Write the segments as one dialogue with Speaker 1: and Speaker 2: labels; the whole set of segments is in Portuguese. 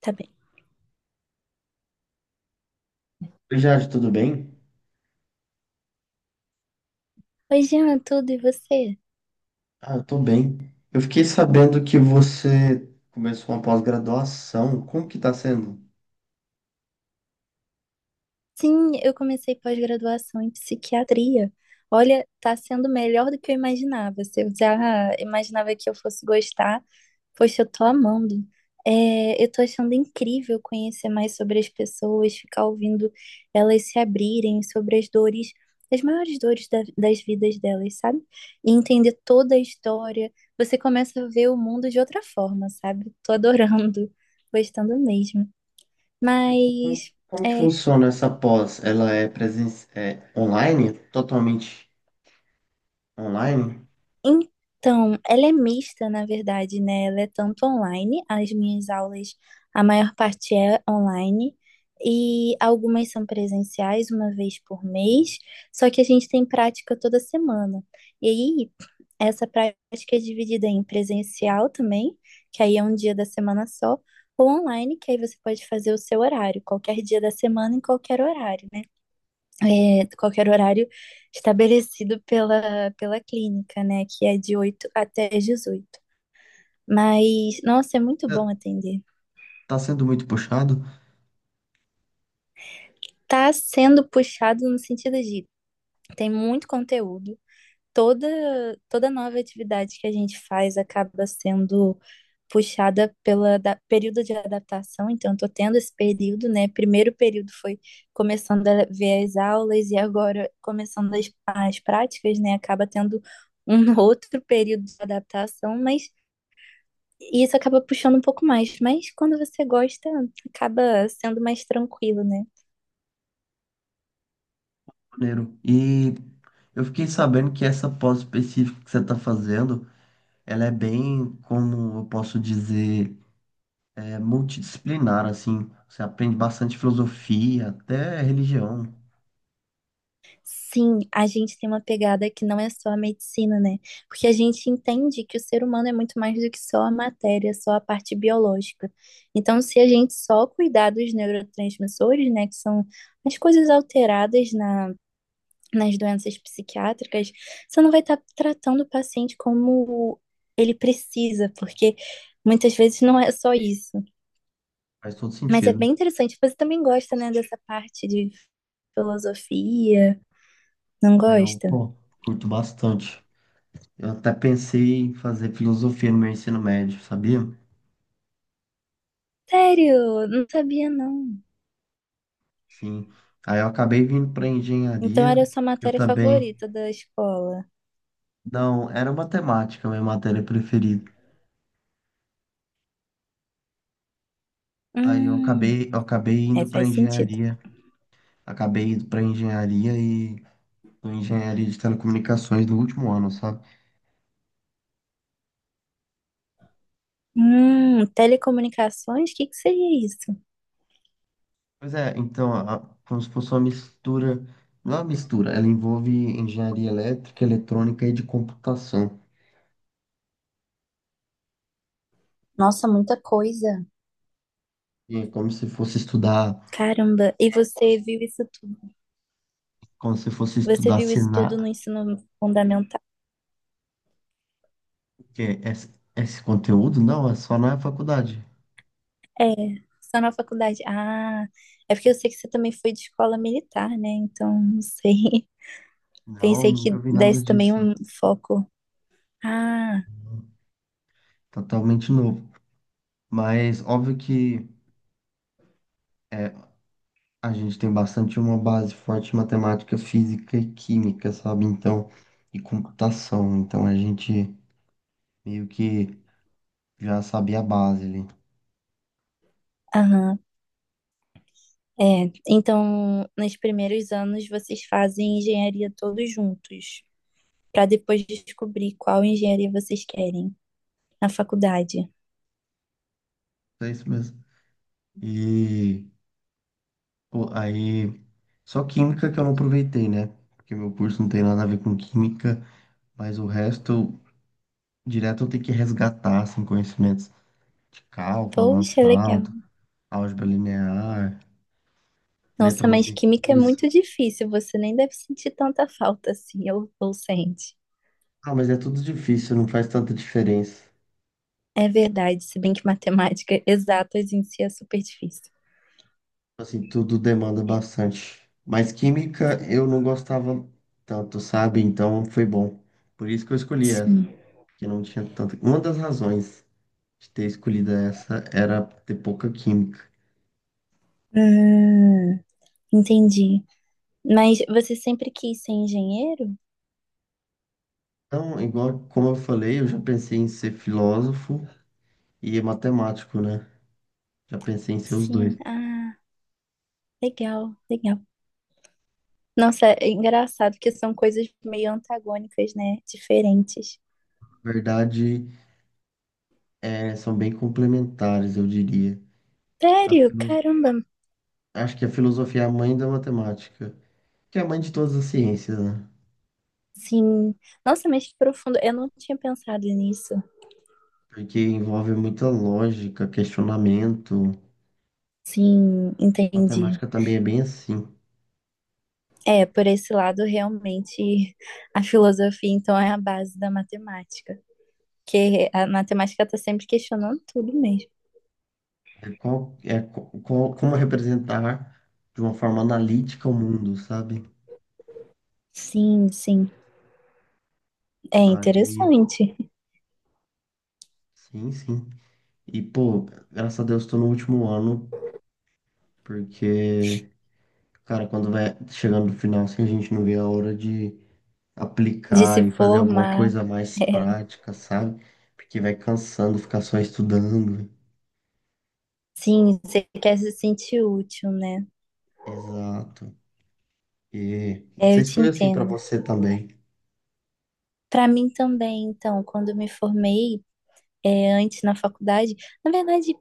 Speaker 1: Tá bem.
Speaker 2: Oi, Jade, tudo bem?
Speaker 1: Oi, Jean, tudo e você?
Speaker 2: Ah, eu tô bem. Eu fiquei sabendo que você começou uma pós-graduação. Como que tá sendo?
Speaker 1: Sim, eu comecei pós-graduação em psiquiatria. Olha, tá sendo melhor do que eu imaginava. Se eu já imaginava que eu fosse gostar, poxa, eu tô amando. É, eu tô achando incrível conhecer mais sobre as pessoas, ficar ouvindo elas se abrirem sobre as dores, as maiores dores das vidas delas, sabe? E entender toda a história. Você começa a ver o mundo de outra forma, sabe? Tô adorando, gostando mesmo.
Speaker 2: Como,
Speaker 1: Mas,
Speaker 2: como que
Speaker 1: é,
Speaker 2: funciona essa pós? Ela é presen é online? Totalmente online?
Speaker 1: então, ela é mista, na verdade, né? Ela é tanto online, as minhas aulas, a maior parte é online, e algumas são presenciais, uma vez por mês, só que a gente tem prática toda semana. E aí, essa prática é dividida em presencial também, que aí é um dia da semana só, ou online, que aí você pode fazer o seu horário, qualquer dia da semana, em qualquer horário, né? Qualquer horário estabelecido pela clínica, né? Que é de 8h até 18h. Mas, nossa, é muito
Speaker 2: Tá
Speaker 1: bom atender.
Speaker 2: tá sendo muito puxado?
Speaker 1: Tá sendo puxado no sentido de tem muito conteúdo, toda toda nova atividade que a gente faz acaba sendo puxada período de adaptação, então eu tô tendo esse período, né? Primeiro período foi começando a ver as aulas e agora começando as práticas, né? Acaba tendo um outro período de adaptação, mas isso acaba puxando um pouco mais. Mas quando você gosta, acaba sendo mais tranquilo, né?
Speaker 2: Maneiro. E eu fiquei sabendo que essa pós específica que você está fazendo, ela é bem, como eu posso dizer, é multidisciplinar, assim. Você aprende bastante filosofia, até religião.
Speaker 1: Sim, a gente tem uma pegada que não é só a medicina, né? Porque a gente entende que o ser humano é muito mais do que só a matéria, só a parte biológica. Então, se a gente só cuidar dos neurotransmissores, né, que são as coisas alteradas nas doenças psiquiátricas, você não vai estar tratando o paciente como ele precisa, porque muitas vezes não é só isso.
Speaker 2: Faz todo
Speaker 1: Mas é
Speaker 2: sentido.
Speaker 1: bem interessante. Você também gosta, né, dessa parte de filosofia, não
Speaker 2: Ah, eu,
Speaker 1: gosta?
Speaker 2: pô, curto bastante. Eu até pensei em fazer filosofia no meu ensino médio, sabia?
Speaker 1: Sério? Não sabia, não.
Speaker 2: Sim. Aí eu acabei vindo para
Speaker 1: Então
Speaker 2: engenharia.
Speaker 1: era a sua
Speaker 2: Eu
Speaker 1: matéria
Speaker 2: também.
Speaker 1: favorita da escola.
Speaker 2: Não, era matemática, minha matéria preferida. Aí eu
Speaker 1: Hum,
Speaker 2: acabei, eu acabei
Speaker 1: é,
Speaker 2: indo para
Speaker 1: faz sentido.
Speaker 2: engenharia. Acabei indo para engenharia e tô em engenharia de telecomunicações no último ano, sabe?
Speaker 1: Telecomunicações? O que que seria isso?
Speaker 2: Pois é, então, como se fosse uma mistura. Não é uma mistura, ela envolve engenharia elétrica, eletrônica e de computação.
Speaker 1: Nossa, muita coisa.
Speaker 2: E é como se fosse estudar
Speaker 1: Caramba, e você viu isso tudo?
Speaker 2: Como se fosse
Speaker 1: Você
Speaker 2: estudar
Speaker 1: viu isso tudo no
Speaker 2: senar
Speaker 1: ensino fundamental?
Speaker 2: que é esse conteúdo? Não, é só na faculdade.
Speaker 1: É, só na faculdade. Ah, é porque eu sei que você também foi de escola militar, né? Então, não sei.
Speaker 2: Não,
Speaker 1: Pensei
Speaker 2: nunca
Speaker 1: que
Speaker 2: vi nada
Speaker 1: desse também
Speaker 2: disso.
Speaker 1: um foco. Ah,
Speaker 2: Totalmente novo. Mas óbvio que é, a gente tem bastante uma base forte em matemática, física e química, sabe? Então, e computação. Então a gente meio que já sabia a base ali.
Speaker 1: aham. É, então, nos primeiros anos vocês fazem engenharia todos juntos, para depois descobrir qual engenharia vocês querem na faculdade.
Speaker 2: É isso mesmo. E pô, aí, só química que eu não aproveitei, né? Porque meu curso não tem nada a ver com química, mas o resto direto eu tenho que resgatar assim, conhecimentos de cálculo
Speaker 1: Poxa, legal.
Speaker 2: avançado, álgebra linear,
Speaker 1: Nossa, mas química é
Speaker 2: eletromagnetismo.
Speaker 1: muito difícil, você nem deve sentir tanta falta assim, ou sente.
Speaker 2: Ah, mas é tudo difícil, não faz tanta diferença.
Speaker 1: É verdade, se bem que matemática exatas em si é super difícil.
Speaker 2: Assim, tudo demanda bastante. Mas química eu não gostava tanto, sabe? Então foi bom. Por isso que eu escolhi essa,
Speaker 1: Sim,
Speaker 2: que não tinha tanta. Uma das razões de ter escolhido essa era ter pouca química.
Speaker 1: ah, entendi. Mas você sempre quis ser engenheiro?
Speaker 2: Então, igual como eu falei, eu já pensei em ser filósofo e matemático, né? Já pensei em ser os dois.
Speaker 1: Sim, ah, legal, legal. Nossa, é engraçado que são coisas meio antagônicas, né? Diferentes.
Speaker 2: Na verdade, são bem complementares, eu diria. A
Speaker 1: Sério,
Speaker 2: filo-
Speaker 1: caramba.
Speaker 2: Acho que a filosofia é a mãe da matemática, que é a mãe de todas as ciências, né?
Speaker 1: Sim. Nossa, mas que profundo. Eu não tinha pensado nisso.
Speaker 2: Porque envolve muita lógica, questionamento.
Speaker 1: Sim, entendi.
Speaker 2: Matemática também é bem assim.
Speaker 1: É, por esse lado, realmente, a filosofia, então, é a base da matemática. Porque a matemática está sempre questionando tudo mesmo.
Speaker 2: É, qual, é co- qual- Como representar de uma forma analítica o mundo, sabe?
Speaker 1: Sim, sim. É
Speaker 2: Aí,
Speaker 1: interessante
Speaker 2: sim, sim. E, pô, graças a Deus, estou no último ano, porque, cara, quando vai chegando no final, assim, a gente não vê a hora de
Speaker 1: de se
Speaker 2: aplicar e fazer alguma
Speaker 1: formar.
Speaker 2: coisa mais
Speaker 1: É,
Speaker 2: prática, sabe? Porque vai cansando ficar só estudando.
Speaker 1: sim, você quer se sentir útil, né?
Speaker 2: Exato. E não
Speaker 1: É, eu
Speaker 2: sei se
Speaker 1: te
Speaker 2: foi assim pra
Speaker 1: entendo.
Speaker 2: você também.
Speaker 1: Para mim também, então, quando eu me formei, é, antes na faculdade, na verdade,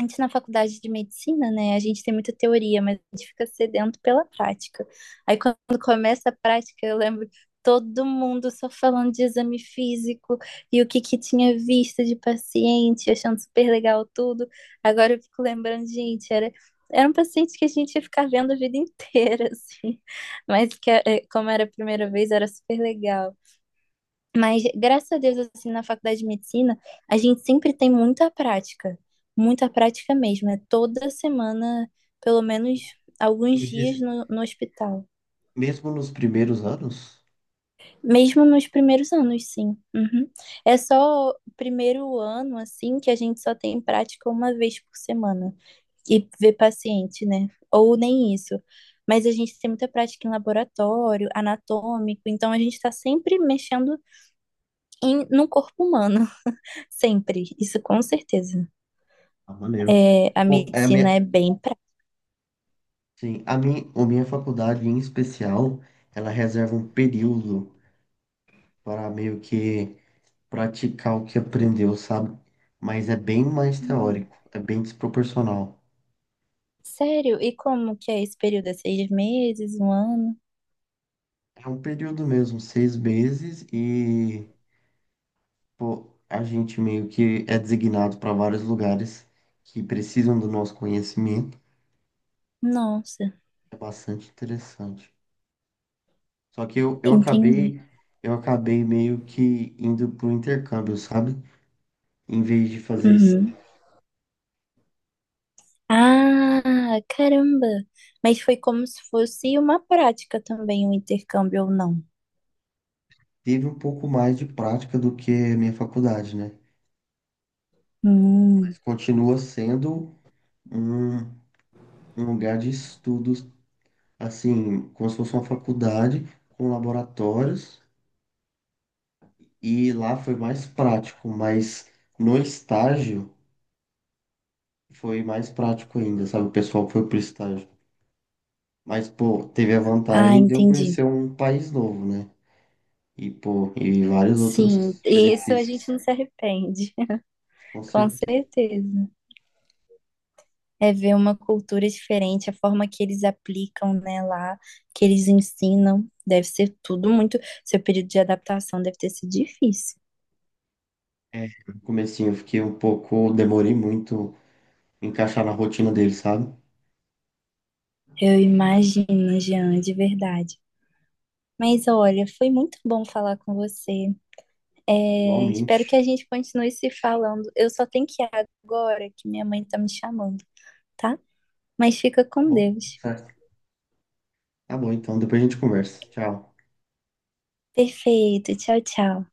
Speaker 1: antes na faculdade de medicina, né, a gente tem muita teoria, mas a gente fica sedento pela prática. Aí quando começa a prática, eu lembro todo mundo só falando de exame físico e o que que tinha visto de paciente, achando super legal tudo. Agora eu fico lembrando, gente, era um paciente que a gente ia ficar vendo a vida inteira, assim. Mas que, é, como era a primeira vez, era super legal. Mas graças a Deus, assim, na faculdade de medicina, a gente sempre tem muita prática mesmo. É toda semana, pelo menos
Speaker 2: Me
Speaker 1: alguns dias
Speaker 2: diz-
Speaker 1: no hospital.
Speaker 2: Mesmo nos primeiros anos?
Speaker 1: Mesmo nos primeiros anos, sim. Uhum. É só o primeiro ano, assim, que a gente só tem prática uma vez por semana e ver paciente, né? Ou nem isso. Mas a gente tem muita prática em laboratório, anatômico, então a gente está sempre mexendo em, no corpo humano. Sempre, isso com certeza.
Speaker 2: Ah, maneiro.
Speaker 1: É, a
Speaker 2: Pô,
Speaker 1: medicina é bem pra...
Speaker 2: sim, a minha faculdade em especial, ela reserva um período para meio que praticar o que aprendeu, sabe? Mas é bem mais
Speaker 1: Hum,
Speaker 2: teórico, é bem desproporcional.
Speaker 1: sério? E como que é esse período? É 6 meses, um ano?
Speaker 2: É um período mesmo, 6 meses e pô, a gente meio que é designado para vários lugares que precisam do nosso conhecimento.
Speaker 1: Nossa,
Speaker 2: É bastante interessante. Só que eu, eu
Speaker 1: entendi.
Speaker 2: acabei, eu acabei meio que indo pro intercâmbio, sabe? Em vez de fazer isso.
Speaker 1: Uhum. Ah, caramba! Mas foi como se fosse uma prática também, um intercâmbio ou não?
Speaker 2: Teve um pouco mais de prática do que a minha faculdade, né?
Speaker 1: Hum.
Speaker 2: Mas continua sendo um, um lugar de estudos, assim, como se fosse uma faculdade com laboratórios. E lá foi mais prático, mas no estágio. Foi mais prático ainda, sabe? O pessoal foi pro estágio. Mas, pô, teve a
Speaker 1: Ah,
Speaker 2: vantagem de eu
Speaker 1: entendi.
Speaker 2: conhecer um país novo, né? E, pô, e vários
Speaker 1: Sim,
Speaker 2: outros
Speaker 1: isso a gente
Speaker 2: benefícios,
Speaker 1: não se arrepende,
Speaker 2: com
Speaker 1: com
Speaker 2: certeza.
Speaker 1: certeza. É ver uma cultura diferente, a forma que eles aplicam, né, lá, que eles ensinam, deve ser tudo muito. Seu período de adaptação deve ter sido difícil.
Speaker 2: É, no comecinho eu fiquei um pouco, demorei muito em encaixar na rotina dele, sabe?
Speaker 1: Eu imagino, Jean, de verdade. Mas olha, foi muito bom falar com você. É, espero que
Speaker 2: Igualmente.
Speaker 1: a gente continue se falando. Eu só tenho que ir agora, que minha mãe tá me chamando, tá? Mas fica
Speaker 2: Tá
Speaker 1: com
Speaker 2: bom, tudo
Speaker 1: Deus.
Speaker 2: certo. Tá bom, então, depois a gente conversa. Tchau.
Speaker 1: Perfeito. Tchau, tchau.